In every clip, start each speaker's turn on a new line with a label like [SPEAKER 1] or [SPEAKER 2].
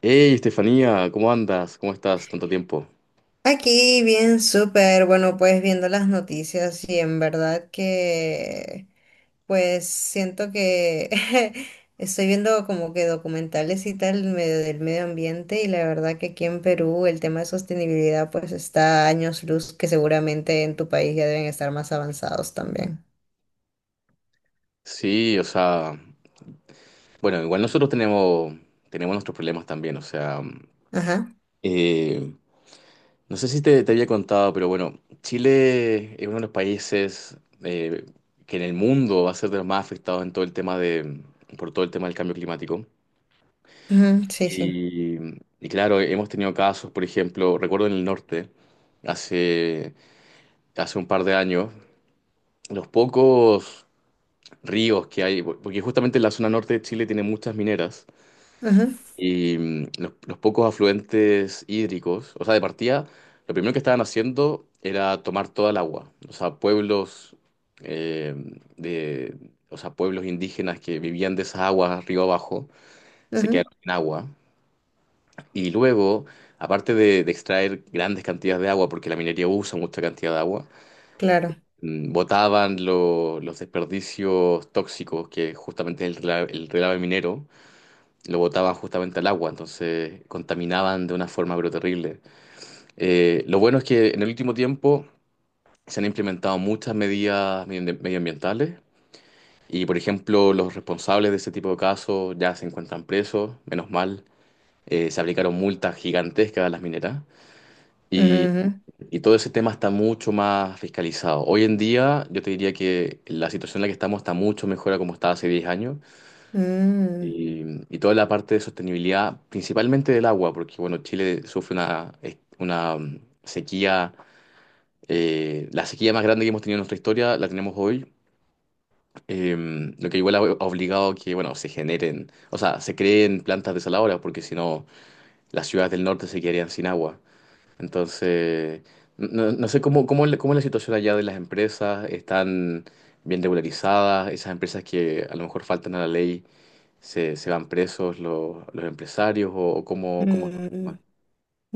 [SPEAKER 1] Hey, Estefanía, ¿cómo andas? ¿Cómo estás? Tanto tiempo.
[SPEAKER 2] Aquí bien, súper. Bueno, pues viendo las noticias y en verdad que, pues siento que estoy viendo como que documentales y tal medio del medio ambiente y la verdad que aquí en Perú el tema de sostenibilidad pues está a años luz que seguramente en tu país ya deben estar más avanzados también.
[SPEAKER 1] Sí, o sea, bueno, igual nosotros tenemos nuestros problemas también, o sea,
[SPEAKER 2] Ajá.
[SPEAKER 1] eh, no sé si te había contado, pero bueno, Chile es uno de los países eh, que en el mundo va a ser de los más afectados en todo el tema de, por todo el tema del cambio climático.
[SPEAKER 2] Ujú, sí, sí.
[SPEAKER 1] Y, y claro, hemos tenido casos, por ejemplo, recuerdo en el norte, hace, hace un par de años, los pocos ríos que hay, porque justamente la zona norte de Chile tiene muchas mineras
[SPEAKER 2] Ujú,
[SPEAKER 1] y los pocos afluentes hídricos, o sea, de partida, lo primero que estaban haciendo era tomar toda el agua, o sea, pueblos eh, de, o sea, pueblos indígenas que vivían de esas aguas río abajo, se
[SPEAKER 2] ujú,
[SPEAKER 1] quedaron sin agua y luego, aparte de extraer grandes cantidades de agua, porque la minería usa mucha cantidad de agua,
[SPEAKER 2] claro.
[SPEAKER 1] botaban los desperdicios tóxicos, que justamente es el relave minero, lo botaban justamente al agua, entonces contaminaban de una forma pero terrible. Lo bueno es que en el último tiempo se han implementado muchas medidas medioambientales y, por ejemplo, los responsables de ese tipo de casos ya se encuentran presos, menos mal. Se aplicaron multas gigantescas a las mineras.
[SPEAKER 2] Ujú, ujú.
[SPEAKER 1] Y todo ese tema está mucho más fiscalizado. Hoy en día, yo te diría que la situación en la que estamos está mucho mejor a como estaba hace 10 años.
[SPEAKER 2] Mm,
[SPEAKER 1] Y, y toda la parte de sostenibilidad, principalmente del agua, porque bueno, Chile sufre una sequía, la sequía más grande que hemos tenido en nuestra historia, la tenemos hoy. Eh, lo que igual ha obligado a que, bueno, se generen, o sea, se creen plantas desaladoras, porque si no, las ciudades del norte se quedarían sin agua. Entonces, no sé cómo es la situación allá de las empresas, están bien regularizadas, esas empresas que a lo mejor faltan a la ley, se van presos los empresarios o
[SPEAKER 2] mm.
[SPEAKER 1] cómo es
[SPEAKER 2] Mm.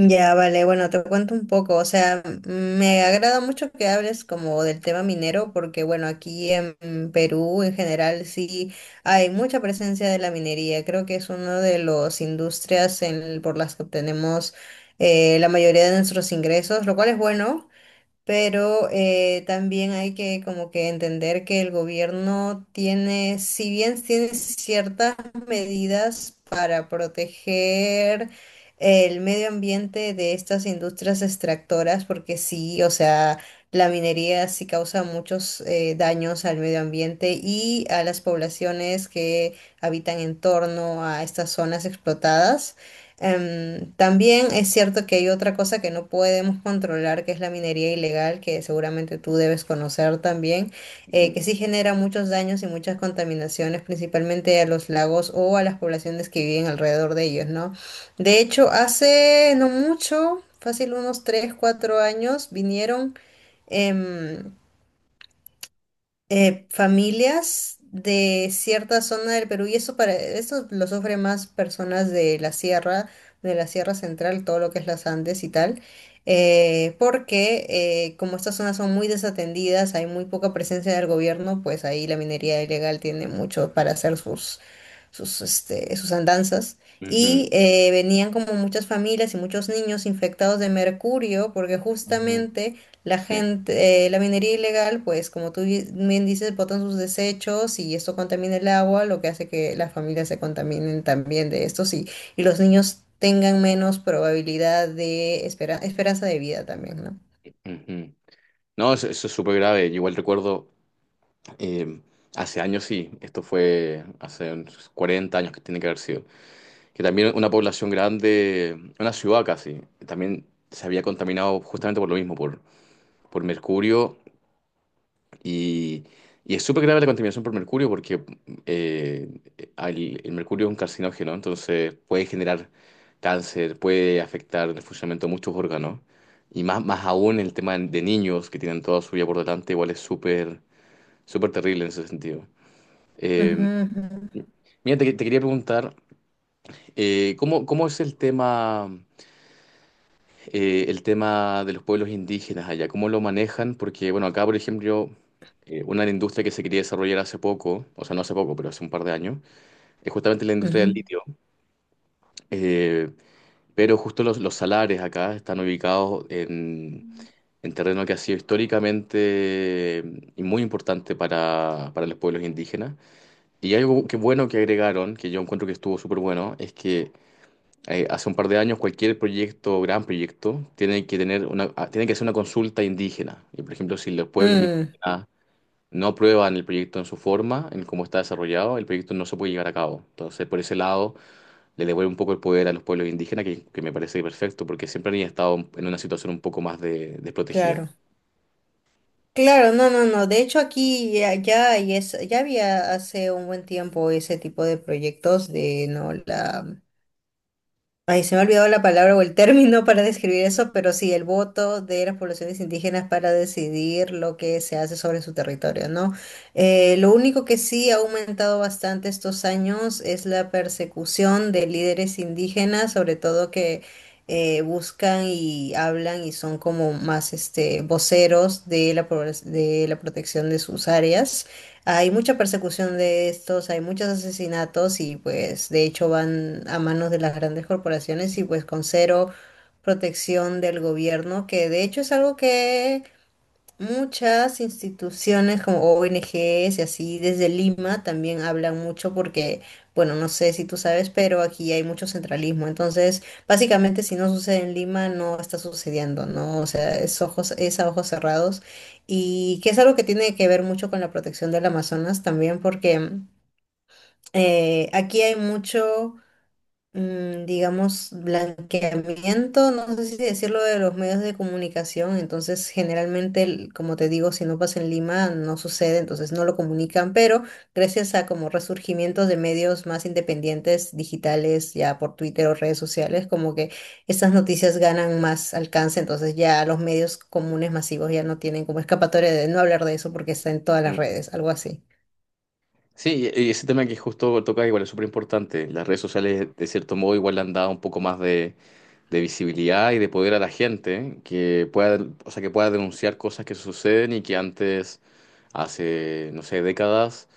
[SPEAKER 2] Ya, vale, bueno, te cuento un poco, o sea, me agrada mucho que hables como del tema minero, porque bueno, aquí en Perú en general sí hay mucha presencia de la minería, creo que es una de las industrias en- por las que obtenemos la mayoría de nuestros ingresos, lo cual es bueno, pero también hay que como que entender que el gobierno tiene, si bien tiene ciertas medidas para proteger el medio ambiente de estas industrias extractoras, porque sí, o sea, la minería sí causa muchos daños al medio ambiente y a las poblaciones que habitan en torno a estas zonas explotadas. También es cierto que hay otra cosa que no podemos controlar, que es la minería ilegal, que seguramente tú debes conocer también,
[SPEAKER 1] el
[SPEAKER 2] que
[SPEAKER 1] tema?
[SPEAKER 2] sí genera muchos daños y muchas contaminaciones, principalmente a los lagos o a las poblaciones que viven alrededor de ellos, ¿no? De hecho, hace no mucho, fácil unos 3 4 años, vinieron... em, familias de cierta zona del Perú, y eso para, eso lo sufren más personas de la sierra central, todo lo que es las Andes y tal, porque como estas zonas son muy desatendidas, hay muy poca presencia del gobierno, pues ahí la minería ilegal tiene mucho para hacer sus este, sus andanzas.
[SPEAKER 1] Ujú,
[SPEAKER 2] Y venían como muchas familias y muchos niños infectados de mercurio, porque
[SPEAKER 1] ujú. Mm.
[SPEAKER 2] justamente la
[SPEAKER 1] Sí.
[SPEAKER 2] gente, la minería ilegal, pues como tú bien dices, botan sus desechos y esto contamina el agua, lo que hace que las familias se contaminen también de esto, sí, y los niños tengan menos probabilidad de esperanza de vida también, ¿no?
[SPEAKER 1] Ujú. No, eso es súper grave. Yo igual recuerdo, eh, hace años sí, esto fue hace unos 40 años que tiene que haber sido, que también una población grande, una ciudad casi, también se había contaminado justamente por lo mismo, por mercurio y, y es súper grave la contaminación por mercurio porque eh, el mercurio es un carcinógeno, entonces puede generar cáncer, puede afectar el funcionamiento de muchos órganos y más aún el tema de niños que tienen toda su vida por delante, igual es súper, súper terrible en ese sentido. Eh,
[SPEAKER 2] Ujú, ujú,
[SPEAKER 1] Mira, te quería preguntar, ¿cómo es el tema, el tema de los pueblos indígenas allá, cómo lo manejan? Porque bueno, acá por ejemplo, una industria que se quería desarrollar hace poco, o sea, no hace poco, pero hace un par de años, es justamente la industria
[SPEAKER 2] ujú.
[SPEAKER 1] del litio. Eh, pero justo los salares acá están ubicados en terreno que ha sido históricamente, y muy importante para los pueblos indígenas. Y hay algo que bueno que agregaron, que yo encuentro que estuvo súper bueno, es que hace un par de años cualquier proyecto, gran proyecto, tiene que hacer una consulta indígena. Y por ejemplo, si los pueblos
[SPEAKER 2] Mm,
[SPEAKER 1] indígenas no aprueban el proyecto en su forma, en cómo está desarrollado, el proyecto no se puede llevar a cabo. Entonces, por ese lado, le devuelve un poco el poder a los pueblos indígenas, que me parece perfecto, porque siempre han estado en una situación un poco más desprotegida.
[SPEAKER 2] claro. Claro, no, no, no. De hecho, aquí ya, hay ya había hace un buen tiempo ese tipo de proyectos de no la... Ay, se me ha olvidado la palabra o el término para describir eso, pero sí, el voto de las poblaciones indígenas para decidir lo que se hace sobre su territorio, ¿no? Lo único que sí ha aumentado bastante estos años es la persecución de líderes indígenas, sobre todo que buscan y hablan y son como más este, voceros de la, de la protección de sus áreas. Hay mucha persecución de estos, hay muchos asesinatos y pues de hecho van a manos de las grandes corporaciones y pues con cero protección del gobierno, que de hecho es algo que... Muchas instituciones como ONGs y así desde Lima también hablan mucho porque, bueno, no sé si tú sabes, pero aquí hay mucho centralismo. Entonces, básicamente si no sucede en Lima, no está sucediendo, ¿no? O sea, es ojos, es a ojos cerrados y que es algo que tiene que ver mucho con la protección del Amazonas también porque aquí hay mucho digamos, blanqueamiento, no sé si decirlo de los medios de comunicación, entonces generalmente, el- como te digo, si no pasa en Lima, no sucede, entonces no lo comunican, pero gracias a como resurgimientos de medios más independientes, digitales, ya por Twitter o redes sociales, como que estas noticias ganan más alcance, entonces ya los medios comunes masivos ya no tienen como escapatoria de no hablar de eso porque está en todas las
[SPEAKER 1] Mm.
[SPEAKER 2] redes, algo así.
[SPEAKER 1] Sí, y ese tema que justo tocas igual es súper importante. Las redes sociales, de cierto modo, igual le han dado un poco más de visibilidad y de poder a la gente que pueda, o sea, que pueda denunciar cosas que suceden y que antes, hace, no sé, décadas,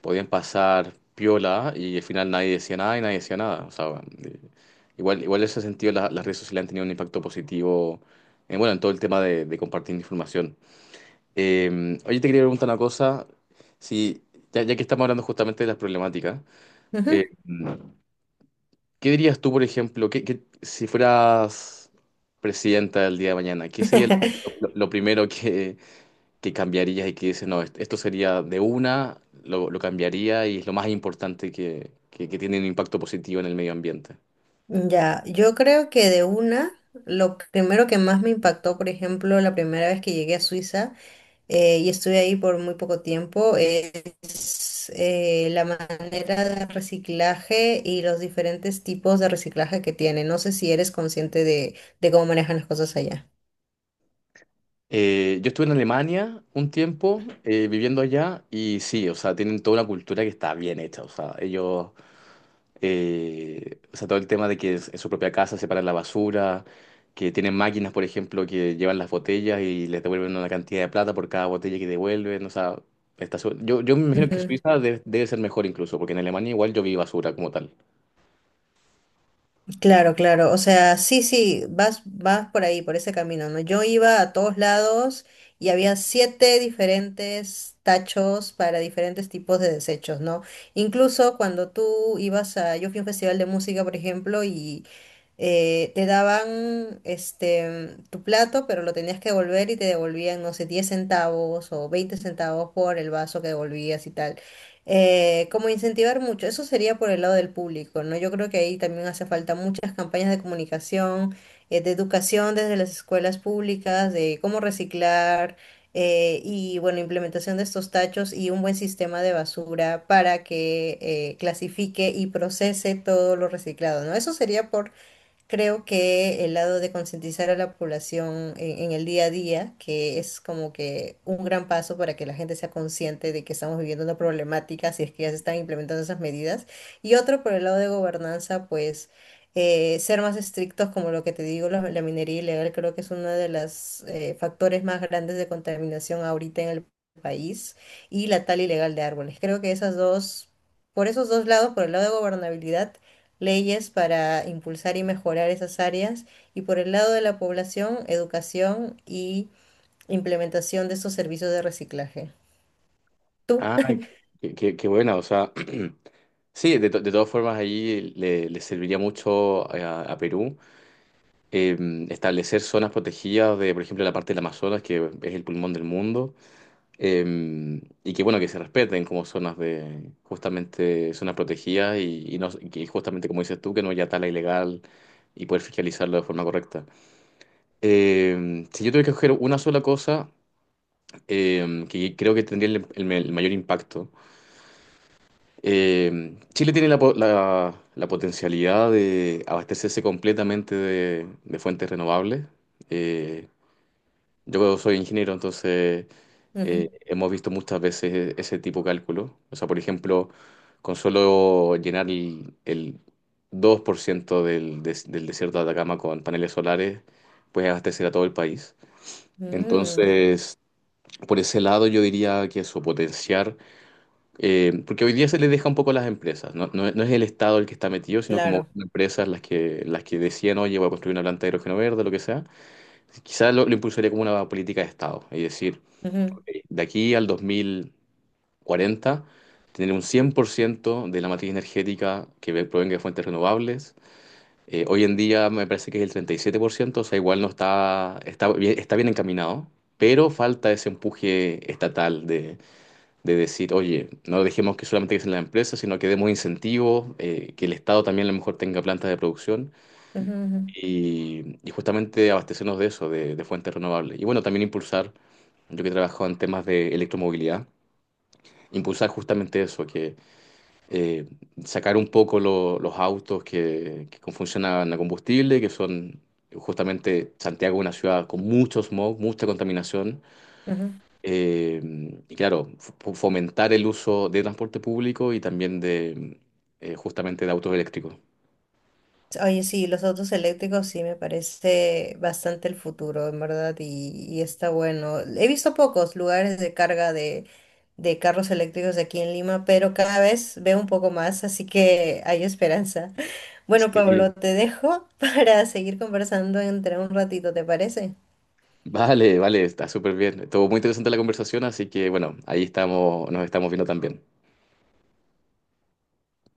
[SPEAKER 1] podían pasar piola y al final nadie decía nada y nadie decía nada. O sea, igual en ese sentido las redes sociales han tenido un impacto positivo bueno, en todo el tema de compartir información. Oye, te quería preguntar una cosa, si, ya, ya que estamos hablando justamente de las problemáticas,
[SPEAKER 2] Ujú.
[SPEAKER 1] eh, ¿qué dirías tú, por ejemplo, que si fueras presidenta del día de mañana, qué sería lo primero que cambiarías y que dices, no, esto sería de una, lo cambiaría y es lo más importante que tiene un impacto positivo en el medio ambiente?
[SPEAKER 2] Ya, yo creo que de una, lo primero que más me impactó, por ejemplo, la primera vez que llegué a Suiza y estuve ahí por muy poco tiempo, es la manera de reciclaje y los diferentes tipos de reciclaje que tiene. No sé si eres consciente de cómo manejan las cosas allá.
[SPEAKER 1] Yo estuve en Alemania un tiempo viviendo allá y sí, o sea, tienen toda una cultura que está bien hecha, o sea, ellos. O sea, todo el tema de en su propia casa separan la basura, que tienen máquinas, por ejemplo, que llevan las botellas y les devuelven una cantidad de plata por cada botella que devuelven. O sea, Yo me imagino que Suiza debe ser mejor incluso, porque en Alemania igual yo vi basura como tal.
[SPEAKER 2] Claro, claro. O sea, sí, sí, vas por ahí, por ese camino, ¿no? Yo iba a todos lados y había siete diferentes tachos para diferentes tipos de desechos, ¿no? Incluso cuando tú ibas a, yo fui a un festival de música, por ejemplo, y te daban este tu plato, pero lo tenías que devolver y te devolvían, no sé, 10 centavos o 20 centavos por el vaso que devolvías y tal. Como incentivar mucho, eso sería por el lado del público, ¿no? Yo creo que ahí también hace falta muchas campañas de comunicación, de educación desde las escuelas públicas, de cómo reciclar y, bueno, implementación de estos tachos y un buen sistema de basura para que clasifique y procese todo lo reciclado, ¿no? Eso sería por... Creo que el lado de concientizar a la población en el día a día, que es como que un gran paso para que la gente sea consciente de que estamos viviendo una problemática, si es que ya se están implementando esas medidas. Y otro, por el lado de gobernanza, pues ser más estrictos, como lo que te digo, la, minería ilegal creo que es uno de los factores más grandes de contaminación ahorita en el país, y la tala ilegal de árboles. Creo que esas dos, por esos dos lados, por el lado de gobernabilidad, leyes para impulsar y mejorar esas áreas y por el lado de la población, educación y implementación de estos servicios de reciclaje. Tú.
[SPEAKER 1] Ah, qué buena, o sea, sí, de todas formas ahí le serviría mucho a Perú, eh, establecer zonas protegidas de, por ejemplo, la parte del Amazonas, que es el pulmón del mundo. Y que bueno, que se respeten como zonas de, justamente, zonas protegidas y no, y que justamente como dices tú, que no haya tala ilegal y poder fiscalizarlo de forma correcta. Si yo tuviera que escoger una sola cosa, que creo que tendría el mayor impacto, Chile tiene la potencialidad de abastecerse completamente de fuentes renovables. eh, Yo soy ingeniero, entonces
[SPEAKER 2] Ujú.
[SPEAKER 1] hemos visto muchas veces ese tipo de cálculo. O sea, por ejemplo, con solo llenar el 2% del desierto de Atacama con paneles solares, puedes abastecer a todo el país.
[SPEAKER 2] Mm,
[SPEAKER 1] Entonces, por ese lado yo diría que eso, potenciar, porque hoy día se les deja un poco a las empresas, no, no, es no es el Estado el que está metido, sino como
[SPEAKER 2] claro.
[SPEAKER 1] empresas las que decían, oye, voy a construir una planta de hidrógeno verde, lo que sea. Quizás lo impulsaría como una política de Estado, es decir,
[SPEAKER 2] Ujú,
[SPEAKER 1] de aquí al 2040, tener un 100% de la matriz energética que provenga de fuentes renovables. Hoy en día me parece que es el 37%, o sea, igual no está, está bien encaminado, pero falta ese empuje estatal de decir, oye, no dejemos que solamente que sean las empresas, sino que demos incentivos, que el Estado también a lo mejor tenga plantas de producción
[SPEAKER 2] ujú, ujú,
[SPEAKER 1] y justamente abastecernos de eso, de fuentes renovables. Y bueno, también impulsar, yo que he trabajado en temas de electromovilidad impulsar justamente eso, que eh, sacar un poco los autos que funcionan a combustible, que son justamente Santiago una ciudad con mucho smog, mucha contaminación,
[SPEAKER 2] ujú.
[SPEAKER 1] eh, y claro, fomentar el uso de transporte público y también de justamente de autos eléctricos.
[SPEAKER 2] Oye, sí, los autos eléctricos sí me parece bastante el futuro, en verdad, y está bueno. He visto pocos lugares de carga de carros eléctricos aquí en Lima, pero cada vez veo un poco más, así que hay esperanza. Bueno, Pablo,
[SPEAKER 1] Sí.
[SPEAKER 2] te dejo para seguir conversando entre un ratito, ¿te parece?
[SPEAKER 1] Vale, vale, está súper bien. Estuvo muy interesante la conversación, así que bueno, ahí estamos, nos estamos viendo también.